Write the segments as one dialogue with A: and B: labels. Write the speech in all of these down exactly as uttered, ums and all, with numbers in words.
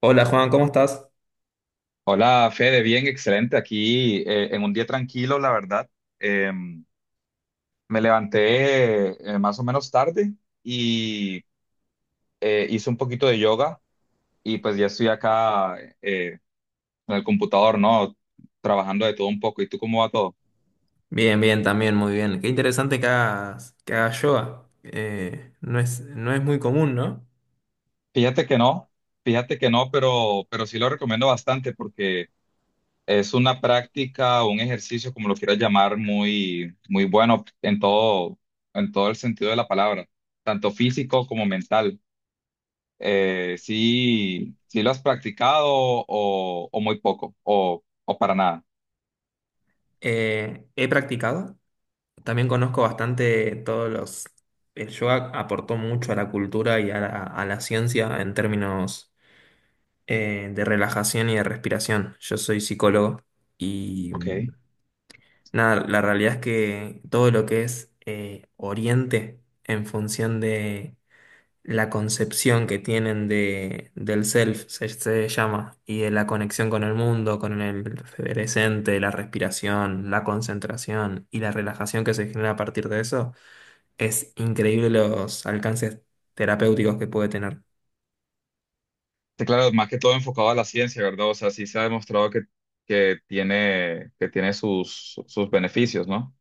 A: Hola Juan, ¿cómo estás?
B: Hola, Fede, bien, excelente. Aquí eh, en un día tranquilo, la verdad. Em, me levanté eh, más o menos tarde y eh, hice un poquito de yoga y pues ya estoy acá eh, en el computador, ¿no? Trabajando de todo un poco. ¿Y tú cómo va todo?
A: Bien, bien, también, muy bien. Qué interesante que hagas, que hagas yoga. Eh, no es, no es muy común, ¿no?
B: Fíjate que no, fíjate que no, pero, pero sí lo recomiendo bastante porque es una práctica, un ejercicio, como lo quieras llamar, muy, muy bueno en todo, en todo el sentido de la palabra, tanto físico como mental. eh, sí, sí lo has practicado o, o muy poco o, o para nada.
A: Eh, he practicado. También conozco bastante todos los... El yoga aportó mucho a la cultura y a la, a la ciencia en términos eh, de relajación y de respiración. Yo soy psicólogo y mm,
B: Ok.
A: nada, la realidad es que todo lo que es eh, Oriente en función de la concepción que tienen de, del self, se, se llama, y de la conexión con el mundo, con el presente, la respiración, la concentración y la relajación que se genera a partir de eso, es increíble los alcances terapéuticos que puede tener.
B: Sí, claro, más que todo enfocado a la ciencia, ¿verdad? O sea, sí se ha demostrado que, que tiene, que tiene sus, sus beneficios, ¿no?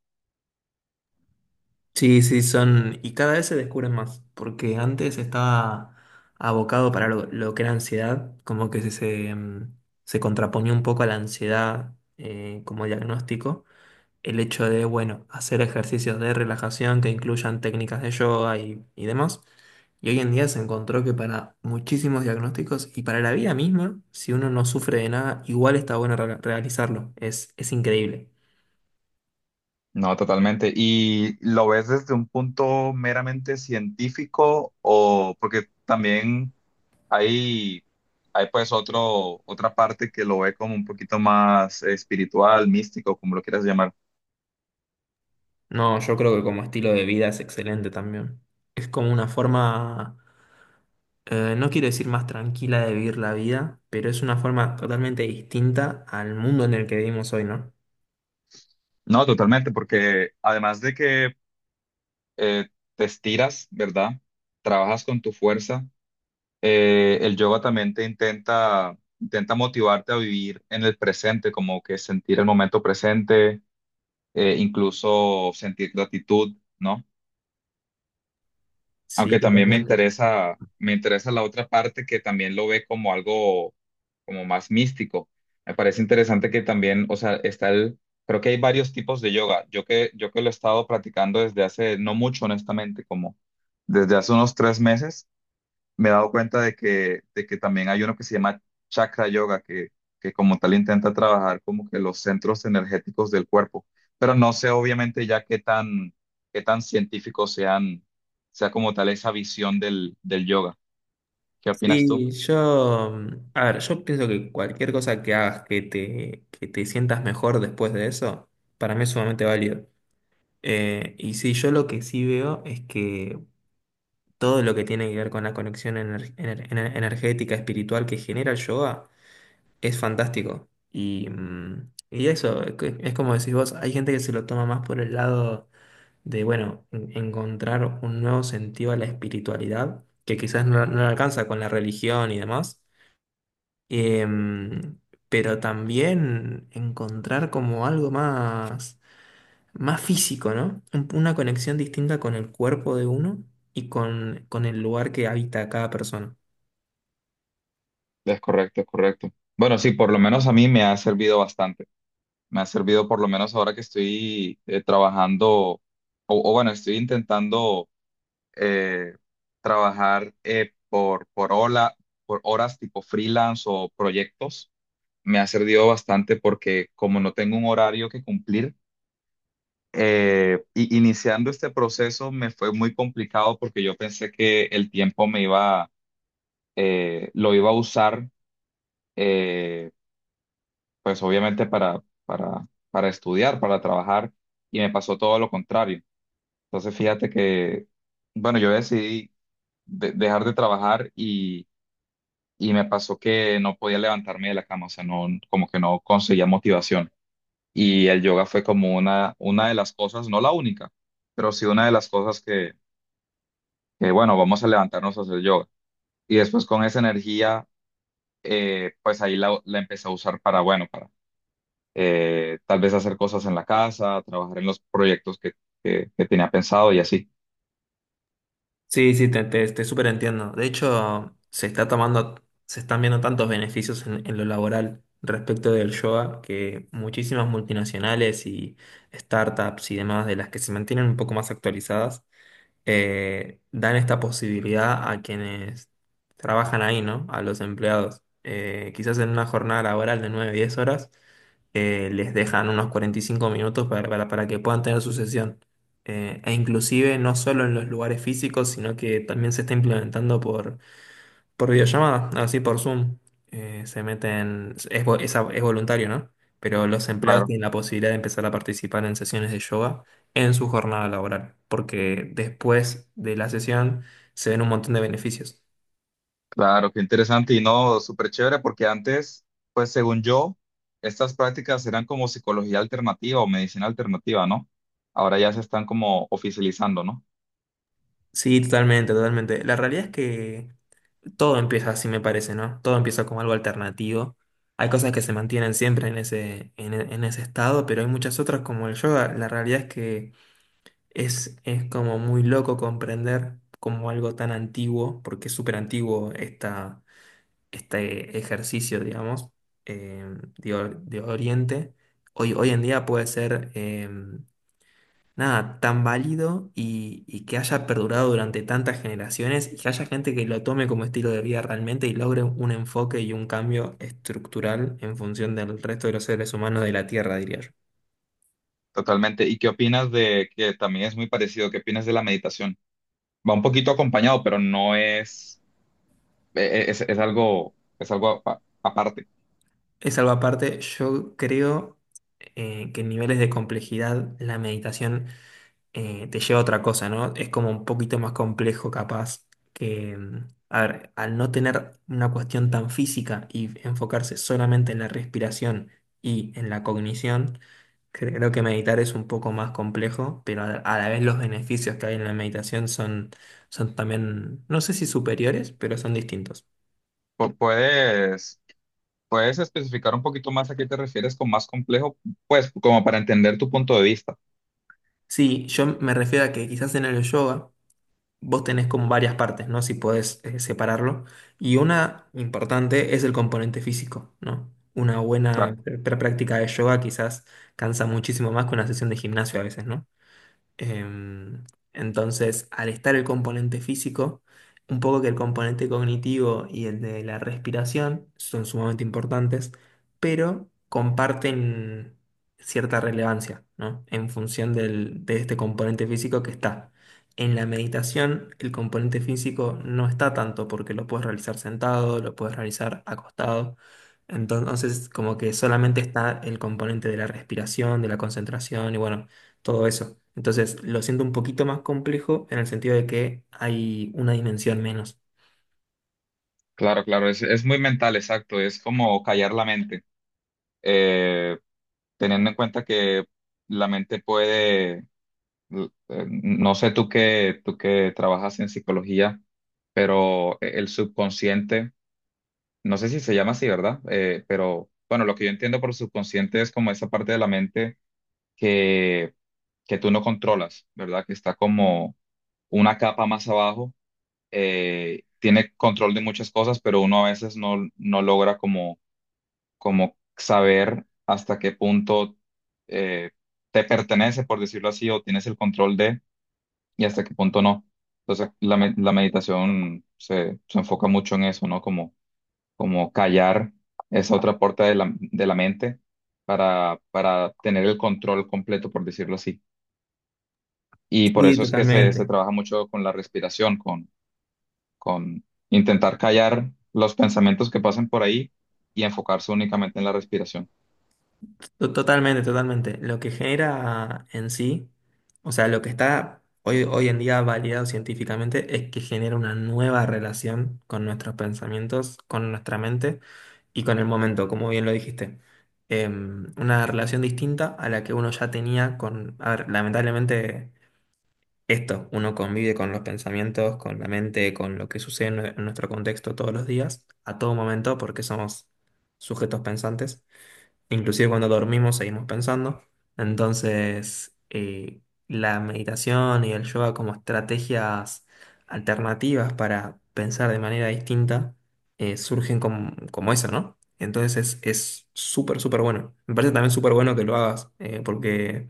A: Sí, sí, son, y cada vez se descubren más, porque antes estaba abocado para lo, lo que era ansiedad, como que se, se, mm, se contraponía un poco a la ansiedad eh, como diagnóstico. El hecho de, bueno, hacer ejercicios de relajación que incluyan técnicas de yoga y, y demás. Y hoy en día se encontró que para muchísimos diagnósticos y para la vida misma, si uno no sufre de nada, igual está bueno re- realizarlo. Es, es increíble.
B: No, totalmente. ¿Y lo ves desde un punto meramente científico o porque también hay, hay pues otro, otra parte que lo ve como un poquito más espiritual, místico, como lo quieras llamar?
A: No, yo creo que como estilo de vida es excelente también. Es como una forma, eh, no quiero decir más tranquila de vivir la vida, pero es una forma totalmente distinta al mundo en el que vivimos hoy, ¿no?
B: No, totalmente, porque además de que eh, te estiras, ¿verdad? Trabajas con tu fuerza, eh, el yoga también te intenta, intenta motivarte a vivir en el presente, como que sentir el momento presente, eh, incluso sentir gratitud, ¿no?
A: Sí,
B: Aunque también me
A: totalmente.
B: interesa, me interesa la otra parte que también lo ve como algo como más místico. Me parece interesante que también, o sea, está el, creo que hay varios tipos de yoga. Yo que, yo que lo he estado practicando desde hace no mucho, honestamente, como desde hace unos tres meses me he dado cuenta de que, de que también hay uno que se llama chakra yoga, que, que como tal intenta trabajar como que los centros energéticos del cuerpo, pero no sé obviamente ya qué tan, qué tan científico sean, sea como tal esa visión del, del yoga. ¿Qué opinas tú?
A: Sí, yo, mm, a ver, yo pienso que cualquier cosa que hagas que te, que te sientas mejor después de eso, para mí es sumamente válido. Eh, y sí, yo lo que sí veo es que todo lo que tiene que ver con la conexión ener- ener- ener- energética, espiritual que genera el yoga es fantástico. Y, mm, y eso, es que- es como decís vos, hay gente que se lo toma más por el lado de, bueno, en- encontrar un nuevo sentido a la espiritualidad, que quizás no, no alcanza con la religión y demás. Em, pero también encontrar como algo más, más físico, ¿no? Un- Una conexión distinta con el cuerpo de uno y con, con el lugar que habita cada persona.
B: Es correcto, es correcto. Bueno, sí, por lo menos a mí me ha servido bastante. Me ha servido por lo menos ahora que estoy eh, trabajando, o o bueno, estoy intentando eh, trabajar eh, por, por, hola- por horas tipo freelance o proyectos. Me ha servido bastante porque como no tengo un horario que cumplir, eh, y iniciando este proceso me fue muy complicado porque yo pensé que el tiempo me iba, eh, lo iba a usar, eh, pues obviamente para, para, para estudiar, para trabajar, y me pasó todo lo contrario. Entonces fíjate que, bueno, yo decidí de- dejar de trabajar y me pasó que no podía levantarme de la cama, o sea, no, como que no conseguía motivación. Y el yoga fue como una, una de las cosas, no la única, pero sí una de las cosas que, que, bueno, vamos a levantarnos a hacer yoga. Y después con esa energía, eh, pues ahí la, la empecé a usar para, bueno, para eh, tal vez hacer cosas en la casa, trabajar en los proyectos que, que, que tenía pensado y así.
A: Sí, sí, te, te, te súper entiendo. De hecho, se está tomando, se están viendo tantos beneficios en, en lo laboral respecto del yoga que muchísimas multinacionales y startups y demás de las que se mantienen un poco más actualizadas eh, dan esta posibilidad a quienes trabajan ahí, ¿no? A los empleados. Eh, quizás en una jornada laboral de nueve diez horas, eh, les dejan unos cuarenta y cinco minutos para, para, para que puedan tener su sesión. Eh, e inclusive no solo en los lugares físicos, sino que también se está implementando por videollamada, así por Zoom, eh, se meten, es, vo- es, a- es voluntario, ¿no? Pero los empleados
B: Claro.
A: tienen la posibilidad de empezar a participar en sesiones de yoga en su jornada laboral, porque después de la sesión se ven un montón de beneficios.
B: Claro, qué interesante y no, súper chévere, porque antes, pues según yo, estas prácticas eran como psicología alternativa o medicina alternativa, ¿no? Ahora ya se están como oficializando, ¿no?
A: Sí, totalmente, totalmente. La realidad es que todo empieza así, me parece, ¿no? Todo empieza como algo alternativo. Hay cosas que se mantienen siempre en ese, en, e- en ese estado, pero hay muchas otras como el yoga. La realidad es que... Es, es como muy loco comprender como algo tan antiguo, porque es súper antiguo esta, este ejercicio, digamos, eh, de, or- de Oriente. Hoy, hoy en día puede ser eh, nada tan válido y, y que haya perdurado durante tantas generaciones y que haya gente que lo tome como estilo de vida realmente y logre un enfoque y un cambio estructural en función del resto de los seres humanos de la Tierra, diría yo.
B: Totalmente. ¿Y qué opinas de que también es muy parecido? ¿Qué opinas de la meditación? Va un poquito acompañado, pero no es, e- e- es, es algo, es algo apa- aparte.
A: Es algo aparte, yo creo eh, que en niveles de complejidad la meditación eh, te lleva a otra cosa, ¿no? Es como un poquito más complejo capaz que, mm, a ver, al no tener una cuestión tan física y enfocarse solamente en la respiración y en la cognición, creo que meditar es un poco más complejo, pero a a la vez los beneficios que hay en la meditación son, son también, no sé si superiores, pero son distintos.
B: Pu- Puedes, puedes especificar un poquito más a qué te refieres con más complejo, pues como para entender tu punto de vista.
A: Sí, yo me refiero a que quizás en el yoga, vos tenés como varias partes, ¿no? Si podés eh, separarlo. Y una importante es el componente físico, ¿no? Una buena
B: Claro.
A: pr- práctica de yoga quizás cansa muchísimo más que una sesión de gimnasio a veces, ¿no? Em, entonces, al estar el componente físico, un poco que el componente cognitivo y el de la respiración son sumamente importantes, pero comparten cierta relevancia, ¿no? En función del- de este componente físico que está. En la meditación, el componente físico no está tanto porque lo puedes realizar sentado, lo puedes realizar acostado. Entonces, como que solamente está el componente de la respiración, de la concentración y bueno todo eso. Entonces, lo siento un poquito más complejo en el sentido de que hay una dimensión menos.
B: Claro, claro, es, es muy mental, exacto, es como callar la mente, Eh, teniendo en cuenta que la mente puede, l- eh, no sé tú que, tú que trabajas en psicología, pero e, el subconsciente, no sé si se llama así, ¿verdad? Eh, pero bueno, lo que yo entiendo por subconsciente es como esa parte de la mente que, que tú no controlas, ¿verdad? Que está como una capa más abajo, eh, tiene control de muchas cosas, pero uno a veces no, no logra como como saber hasta qué punto eh, te pertenece, por decirlo así, o tienes el control de, y hasta qué punto no. Entonces, la, me- la meditación se, se enfoca mucho en eso, ¿no? Como, como callar esa otra puerta de la, de la mente para, para tener el control completo, por decirlo así. Y por
A: Sí,
B: eso es que se, se
A: totalmente.
B: trabaja mucho con la respiración, con, con intentar callar los pensamientos que pasen por ahí y enfocarse únicamente en la respiración.
A: To- Totalmente, totalmente. Lo que genera en sí, o sea, lo que está hoy, hoy en día validado científicamente es que genera una nueva relación con nuestros pensamientos, con nuestra mente y con el momento, como bien lo dijiste. Em, una relación distinta a la que uno ya tenía con, a ver, lamentablemente esto, uno convive con los pensamientos, con la mente, con lo que sucede en, nue- en nuestro contexto todos los días, a todo momento, porque somos sujetos pensantes. Inclusive cuando dormimos seguimos pensando. Entonces, eh, la meditación y el yoga como estrategias alternativas para pensar de manera distinta, eh, surgen como, como eso, ¿no? Entonces es es súper, súper bueno. Me parece también súper bueno que lo hagas, eh, porque...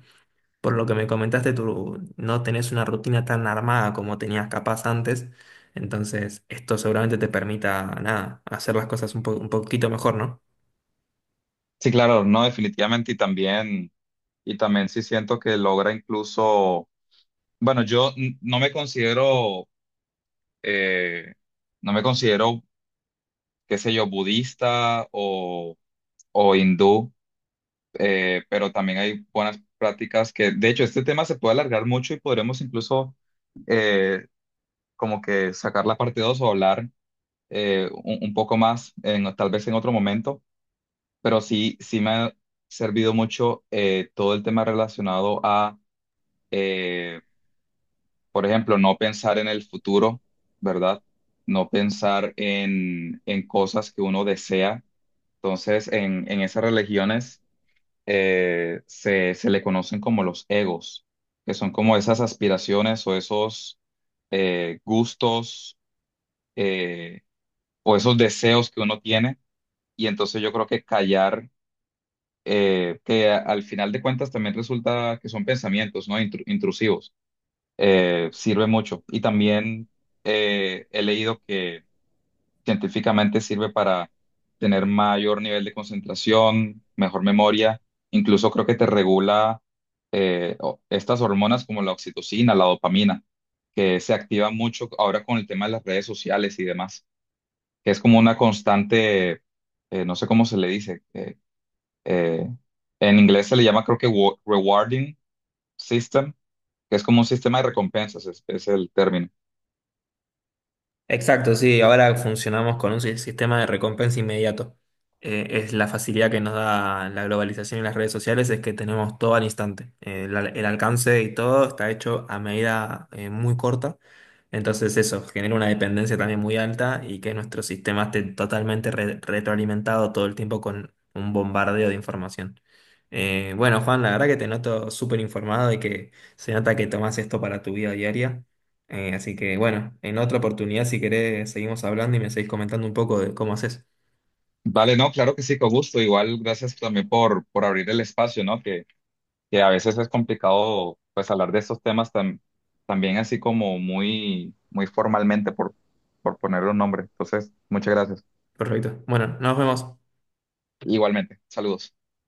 A: Por lo que me comentaste, tú no tenés una rutina tan armada como tenías capaz antes, entonces esto seguramente te permita, nada, hacer las cosas un po- un poquito mejor, ¿no?
B: Sí, claro, no, definitivamente y también, y también sí siento que logra incluso, bueno, yo n- no me considero, eh, no me considero, qué sé yo, budista o, o hindú, eh, pero también hay buenas prácticas que, de hecho, este tema se puede alargar mucho y podremos incluso eh, como que sacar la parte dos o hablar eh, un, un poco más, en, tal vez en otro momento, pero sí, sí me ha servido mucho eh, todo el tema relacionado a eh, por ejemplo, no pensar en el futuro, ¿verdad? No pensar en, en cosas que uno desea. Entonces, en, en esas religiones eh, se, se le conocen como los egos, que son como esas aspiraciones o esos eh, gustos eh, o esos deseos que uno tiene. Y entonces yo creo que callar, eh, que a- al final de cuentas también resulta que son pensamientos, ¿no? Intru- intrusivos, eh, sirve mucho. Y también eh, he leído que científicamente sirve para tener mayor nivel de concentración, mejor memoria, incluso creo que te regula eh, o- estas hormonas como la oxitocina, la dopamina, que se activa mucho ahora con el tema de las redes sociales y demás, que es como una constante, eh, no sé cómo se le dice, eh, eh, en inglés se le llama creo que wa- rewarding system, que es como un sistema de recompensas, es es el término.
A: Exacto, sí, ahora funcionamos con un si- sistema de recompensa inmediato. Eh, es la facilidad que nos da la globalización y las redes sociales, es que tenemos todo al instante. Eh, el, el alcance y todo está hecho a medida eh, muy corta. Entonces eso genera una dependencia también muy alta y que nuestro sistema esté totalmente re- retroalimentado todo el tiempo con un bombardeo de información. Eh, bueno, Juan, la verdad que te noto súper informado y que se nota que tomas esto para tu vida diaria. Eh, así que bueno, en otra oportunidad, si querés, seguimos hablando y me seguís comentando un poco de cómo haces.
B: Vale, no, claro que sí, con gusto. Igual, gracias también por, por abrir el espacio, ¿no? Que, que a veces es complicado, pues, hablar de estos temas tan, también así como muy, muy formalmente, por, por ponerle un nombre. Entonces, muchas gracias.
A: Perfecto. Bueno, nos vemos.
B: Igualmente, saludos.